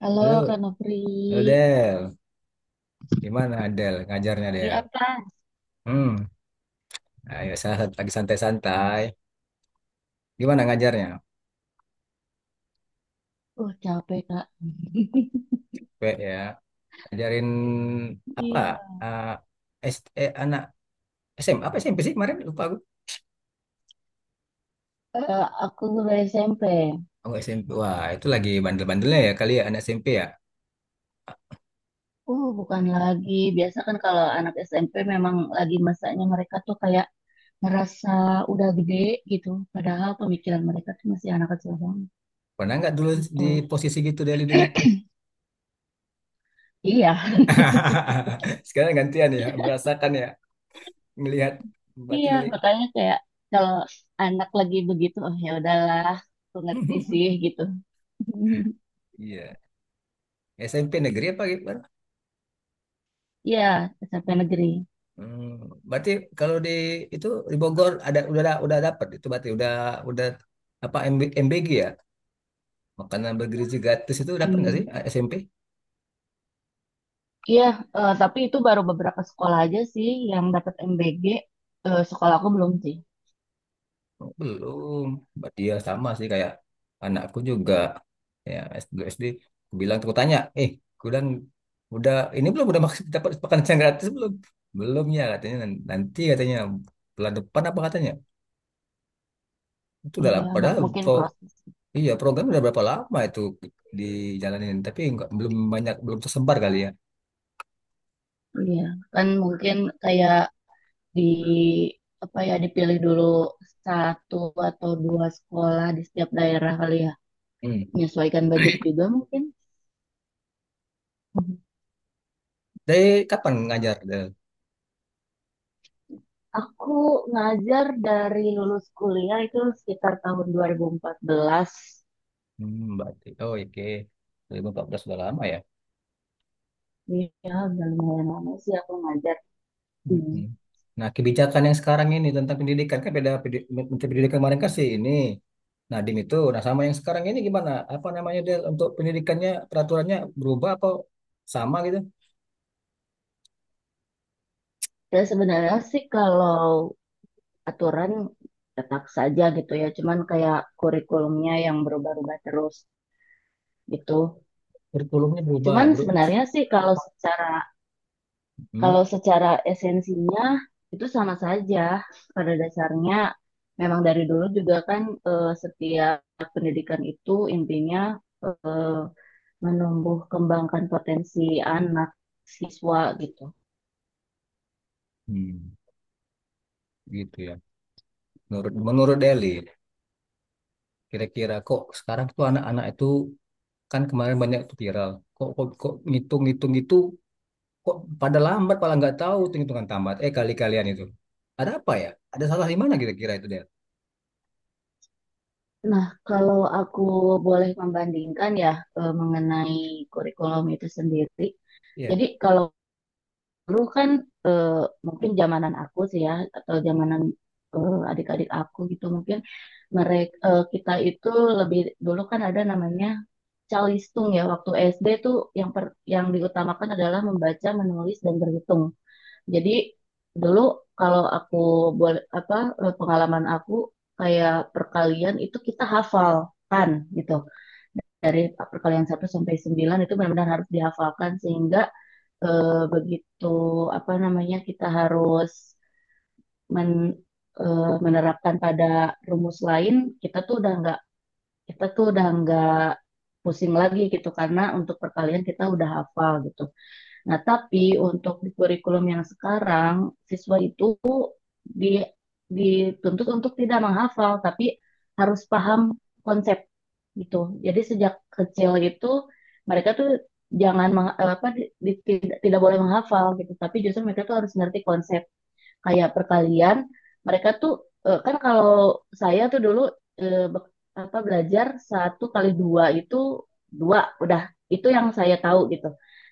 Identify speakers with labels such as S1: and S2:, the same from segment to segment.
S1: Halo
S2: Halo,
S1: Kak Nopri.
S2: halo Del. Gimana Del ngajarnya
S1: Iya
S2: Del?
S1: apa?
S2: Hmm, Ayo lagi santai-santai. Gimana ngajarnya?
S1: Capek Kak.
S2: P ya, ajarin apa?
S1: Iya.
S2: Ah, anak SM apa SMP sih kemarin? Lupa aku.
S1: Aku guru SMP.
S2: Oh, SMP. Wah, itu lagi bandel-bandelnya ya kali ya anak SMP ya.
S1: Bukan lagi biasa kan kalau anak SMP memang lagi masanya mereka tuh kayak ngerasa udah gede gitu, padahal pemikiran mereka tuh masih anak kecil banget
S2: Pernah nggak dulu di
S1: gitu.
S2: posisi gitu Deli dulu?
S1: Iya,
S2: Sekarang gantian ya, merasakan ya, melihat berarti
S1: iya.
S2: ngeli.
S1: Makanya kayak kalau anak lagi begitu, oh ya udahlah, aku ngerti sih gitu.
S2: Iya. SMP negeri apa gitu?
S1: Iya, SMP negeri.
S2: Hmm, Berarti kalau di itu di Bogor ada udah dapat itu berarti udah apa MBG ya, makanan bergizi gratis itu dapat nggak sih
S1: Em,
S2: SMP?
S1: Iya, tapi itu baru beberapa sekolah aja sih yang dapat MBG. Sekolah aku belum sih.
S2: Oh, belum. Berarti ya sama sih kayak anakku juga ya S2 SD, aku bilang aku tanya, eh aku bilang udah ini belum, udah maksud dapat makanan yang gratis belum? Belum ya katanya, nanti katanya bulan depan apa katanya? Itu udah lah,
S1: Iya,
S2: padahal
S1: mungkin proses.
S2: iya, program udah berapa lama itu dijalanin, tapi nggak belum banyak belum tersebar kali ya.
S1: Iya, kan mungkin kayak di apa ya dipilih dulu satu atau dua sekolah di setiap daerah kali ya.
S2: Hmm.
S1: Menyesuaikan budget juga mungkin. Mhm.
S2: Dari kapan ngajar, Del?
S1: Aku ngajar dari lulus kuliah itu sekitar tahun 2014.
S2: Berarti. Oh, oke. 2014 udah lama ya.
S1: Iya, udah lumayan lama sih aku ngajar. Hmm.
S2: Mm-mm. Nah, kebijakan yang sekarang ini tentang pendidikan kan beda, Menteri Pendidikan kemarin kan sih ini Nadiem itu. Nah, sama yang sekarang ini gimana? Apa namanya Del? Untuk pendidikannya peraturannya berubah apa sama gitu?
S1: Dan sebenarnya sih kalau aturan tetap saja gitu ya, cuman kayak kurikulumnya yang berubah-ubah terus gitu.
S2: Kurikulumnya berubah,
S1: Cuman
S2: Bro.
S1: sebenarnya sih kalau secara
S2: Hmm.
S1: esensinya itu sama saja pada dasarnya, memang dari dulu juga kan setiap pendidikan itu intinya eh, menumbuh kembangkan potensi anak siswa gitu.
S2: Hmm. Gitu ya. Menurut menurut Deli, kira-kira kok sekarang tuh anak-anak itu kan kemarin banyak tuh viral. Kok kok, kok ngitung-ngitung itu kok pada lambat, malah nggak tahu tuh hitungan tamat. Eh, kali-kalian itu. Ada apa ya? Ada salah di mana kira-kira itu dia?
S1: Nah, kalau aku boleh membandingkan ya, mengenai kurikulum itu sendiri.
S2: Iya.
S1: Jadi kalau dulu kan eh, mungkin zamanan aku sih ya, atau zamanan adik-adik aku gitu mungkin, mereka kita itu lebih dulu kan ada namanya calistung ya, waktu SD tuh yang yang diutamakan adalah membaca, menulis dan berhitung. Jadi dulu, kalau aku boleh apa, pengalaman aku, kayak perkalian itu kita hafalkan gitu. Dari perkalian satu sampai 9 itu benar-benar harus dihafalkan, sehingga begitu apa namanya kita harus men- menerapkan pada rumus lain, kita tuh udah nggak kita tuh udah nggak pusing lagi gitu karena untuk perkalian kita udah hafal gitu. Nah, tapi untuk di kurikulum yang sekarang, siswa itu di- dituntut untuk tidak menghafal, tapi harus paham konsep gitu. Jadi sejak kecil itu mereka tuh jangan tidak boleh menghafal gitu, tapi justru mereka tuh harus ngerti konsep. Kayak perkalian, mereka tuh kan kalau saya tuh dulu, eh, be- apa belajar satu kali dua itu, dua, udah itu yang saya tahu gitu.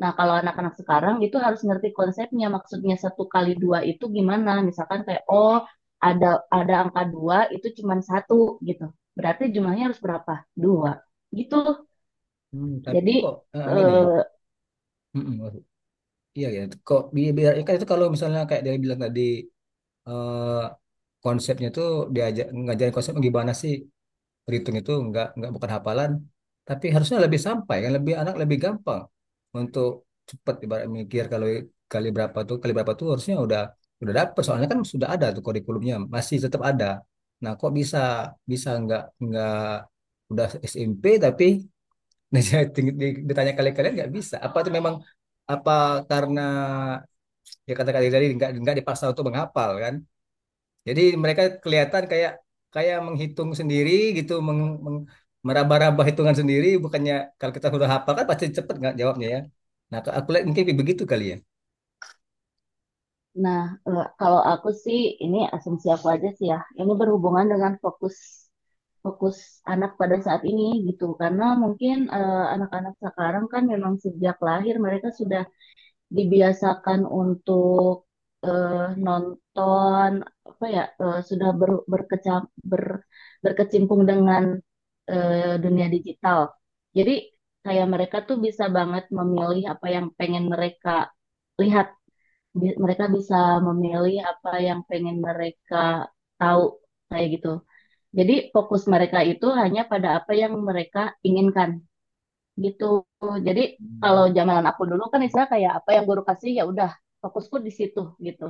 S1: Nah kalau anak-anak sekarang itu harus ngerti konsepnya, maksudnya satu kali dua itu gimana, misalkan kayak oh, ada ada angka dua itu cuma satu gitu, berarti jumlahnya harus berapa, dua, gitu
S2: Tapi
S1: jadi,
S2: kok, gini.
S1: eh,
S2: Mm-mm, iya ya. Kok biar kan itu kalau misalnya kayak dia bilang tadi, eh, konsepnya tuh, diajak ngajarin konsep gimana sih? Berhitung itu nggak bukan hafalan, tapi harusnya lebih sampai kan, lebih anak lebih gampang untuk cepat, ibarat mikir kalau kali berapa tuh harusnya udah dapet, soalnya kan sudah ada tuh kurikulumnya masih tetap ada. Nah kok bisa bisa nggak udah SMP tapi ditanya kali-kali nggak bisa. Apa itu memang apa, karena ya kata-kata tadi nggak dipaksa untuk menghafal kan? Jadi mereka kelihatan kayak kayak menghitung sendiri gitu, meng, meng- meraba-raba hitungan sendiri. Bukannya kalau kita sudah hafal kan pasti cepet nggak jawabnya ya. Nah, aku lihat mungkin begitu kali ya.
S1: nah, kalau aku sih ini asumsi aku aja sih ya. Ini berhubungan dengan fokus fokus anak pada saat ini gitu. Karena mungkin anak-anak sekarang kan memang sejak lahir mereka sudah dibiasakan untuk nonton, apa ya, sudah berkecimpung dengan dunia digital. Jadi kayak mereka tuh bisa banget memilih apa yang pengen mereka lihat, mereka bisa memilih apa yang pengen mereka tahu, kayak gitu. Jadi fokus mereka itu hanya pada apa yang mereka inginkan gitu. Jadi kalau
S2: Hmm.
S1: zaman aku dulu kan istilah kayak apa yang guru kasih ya udah, fokusku di situ gitu.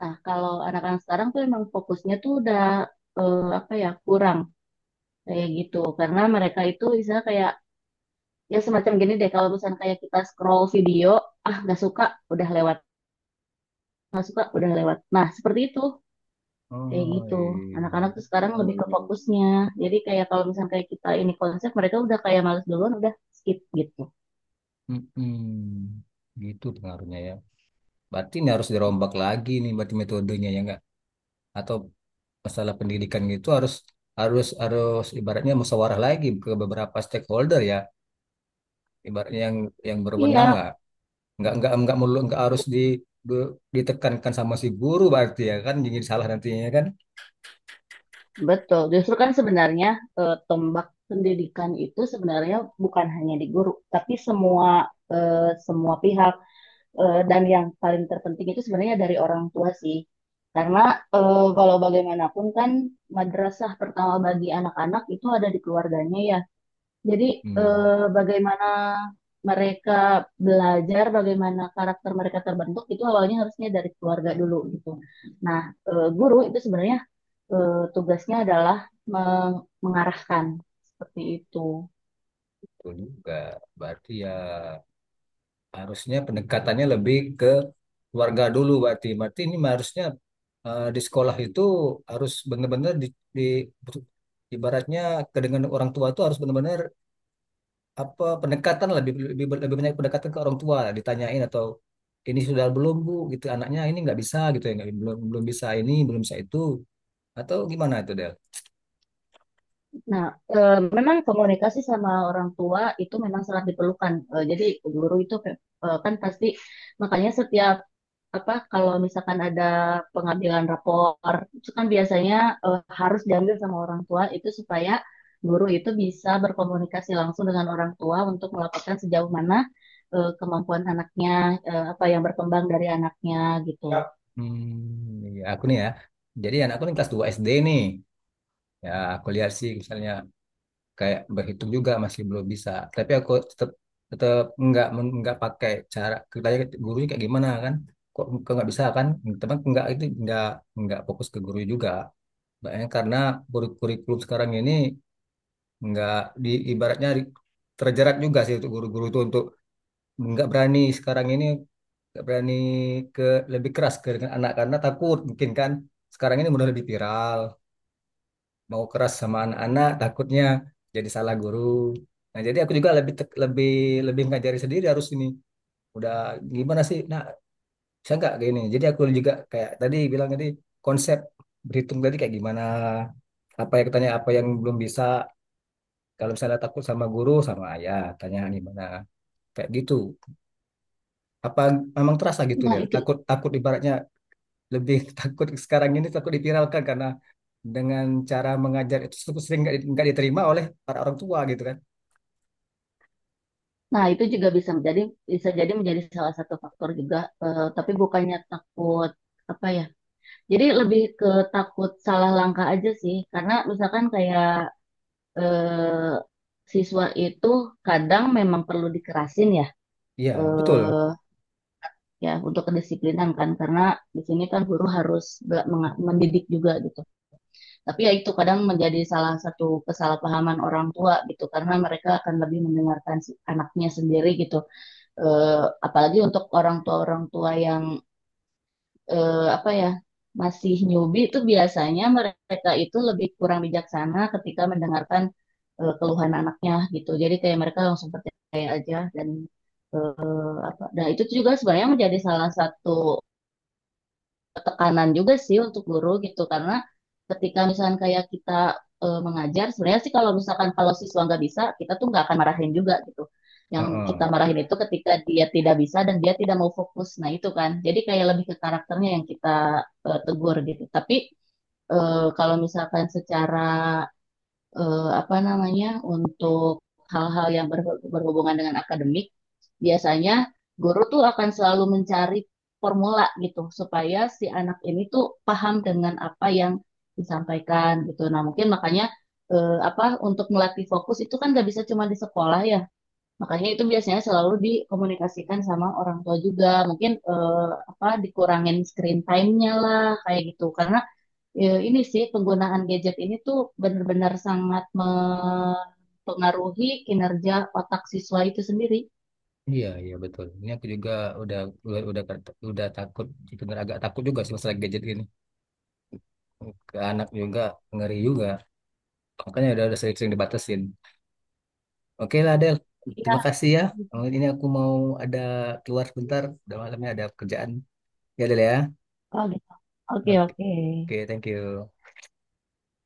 S1: Nah, kalau anak-anak sekarang tuh emang fokusnya tuh udah apa ya, kurang kayak gitu, karena mereka itu istilah kayak, ya semacam gini deh, kalau misalnya kayak kita scroll video, ah nggak suka udah lewat, nggak suka udah lewat, nah seperti itu. Kayak
S2: Oh
S1: gitu.
S2: iya.
S1: Anak-anak tuh sekarang lebih ke fokusnya. Jadi kayak kalau misalnya kayak kita ini konsep, mereka udah kayak males duluan, udah skip gitu.
S2: Mm-mm. Gitu pengaruhnya ya. Berarti ini harus dirombak lagi nih, berarti metodenya ya nggak? Atau masalah pendidikan gitu harus harus harus ibaratnya musyawarah lagi ke beberapa stakeholder ya, ibaratnya yang
S1: Iya,
S2: berwenang lah. Nggak melulu nggak harus di be- ditekankan sama si guru, berarti ya kan jadi salah nantinya ya kan.
S1: betul. Justru kan sebenarnya tombak pendidikan itu sebenarnya bukan hanya di guru, tapi semua, eh, semua pihak. Dan yang paling terpenting itu sebenarnya dari orang tua sih. Karena kalau bagaimanapun kan madrasah pertama bagi anak-anak itu ada di keluarganya ya. Jadi,
S2: hmm,
S1: eh, bagaimana mereka belajar, bagaimana karakter mereka terbentuk itu awalnya harusnya dari keluarga dulu gitu. Nah, guru itu sebenarnya tugasnya adalah mengarahkan, seperti itu.
S2: Betul juga berarti ya, harusnya pendekatannya lebih ke keluarga dulu, berarti berarti ini harusnya, di sekolah itu harus benar-benar di ibaratnya ke dengan orang tua itu harus benar-benar apa, pendekatan lah, lebih, lebih lebih banyak pendekatan ke orang tua, ditanyain atau ini sudah belum bu gitu, anaknya ini nggak bisa gitu ya, nggak belum belum bisa ini, belum bisa itu. Atau gimana itu Del?
S1: Nah, memang komunikasi sama orang tua itu memang sangat diperlukan. Jadi guru itu, kan pasti makanya setiap apa, kalau misalkan ada pengambilan rapor itu kan biasanya harus diambil sama orang tua, itu supaya guru itu bisa berkomunikasi langsung dengan orang tua untuk melaporkan sejauh mana kemampuan anaknya, apa yang berkembang dari anaknya gitu. Ya.
S2: Ya aku nih ya. Jadi anakku nih kelas 2 SD nih. Ya aku lihat sih misalnya kayak berhitung juga masih belum bisa. Tapi aku tetap tetap nggak pakai cara kita, gurunya kayak gimana kan? Kok kok nggak bisa kan? Teman nggak itu nggak fokus ke guru juga. Makanya karena kurikulum sekarang ini nggak di ibaratnya terjerat juga sih untuk guru-guru itu, untuk nggak berani sekarang ini, nggak berani ke lebih keras ke dengan anak, karena takut mungkin kan sekarang ini udah lebih viral, mau keras sama anak-anak takutnya jadi salah guru. Nah jadi aku juga lebih tek- lebih lebih ngajari sendiri, harus ini udah gimana sih, nah bisa nggak kayak gini, jadi aku juga kayak tadi bilang tadi, konsep berhitung tadi kayak gimana, apa yang tanya, apa yang belum bisa, kalau misalnya takut sama guru, sama ayah tanya gimana, kayak gitu. Apa memang terasa gitu
S1: Nah
S2: deh,
S1: itu
S2: takut takut ibaratnya, lebih takut sekarang ini, takut dipiralkan karena dengan cara mengajar itu sering nggak diterima oleh para orang tua gitu kan.
S1: nah itu juga bisa jadi menjadi salah satu faktor juga, tapi bukannya takut, apa ya. Jadi lebih ke takut salah langkah aja sih, karena misalkan kayak eh, siswa itu kadang memang perlu dikerasin ya,
S2: Iya betul.
S1: eh, ya untuk kedisiplinan kan, karena di sini kan guru harus mendidik juga gitu. Tapi ya itu kadang menjadi salah satu kesalahpahaman orang tua gitu, karena mereka akan lebih mendengarkan anaknya sendiri gitu. Apalagi untuk orang tua-orang tua yang, apa ya, masih newbie itu, biasanya mereka itu lebih kurang bijaksana ketika mendengarkan keluhan anaknya gitu. Jadi kayak mereka langsung percaya aja, dan apa. Nah, itu juga sebenarnya menjadi salah satu tekanan juga sih untuk guru gitu, karena ketika misalkan kayak kita mengajar, sebenarnya sih kalau misalkan kalau siswa nggak bisa, kita tuh nggak akan marahin juga gitu. Yang
S2: Heeh.
S1: kita marahin itu ketika dia tidak bisa dan dia tidak mau fokus, nah itu kan jadi kayak lebih ke karakternya yang kita tegur gitu. Tapi kalau misalkan secara apa namanya, untuk hal-hal yang berhubungan dengan akademik, biasanya guru tuh akan selalu mencari formula gitu supaya si anak ini tuh paham dengan apa yang disampaikan gitu. Nah, mungkin makanya apa, untuk melatih fokus itu kan gak bisa cuma di sekolah ya. Makanya itu biasanya selalu dikomunikasikan sama orang tua juga. Mungkin apa, dikurangin screen time-nya lah kayak gitu. Karena ya, ini sih penggunaan gadget ini tuh benar-benar sangat mempengaruhi kinerja otak siswa itu sendiri.
S2: Iya iya betul, ini aku juga udah udah udah, udah takut bener, agak takut juga sih masalah gadget gini, ke anak juga ngeri juga, makanya udah sering-sering dibatasin. Oke lah Del, terima
S1: Iya.
S2: kasih ya. Oh, ini aku mau ada keluar sebentar, udah malamnya ada kerjaan ya Del ya.
S1: Oh gitu. Oke,
S2: Oke,
S1: oke.
S2: oke, thank you.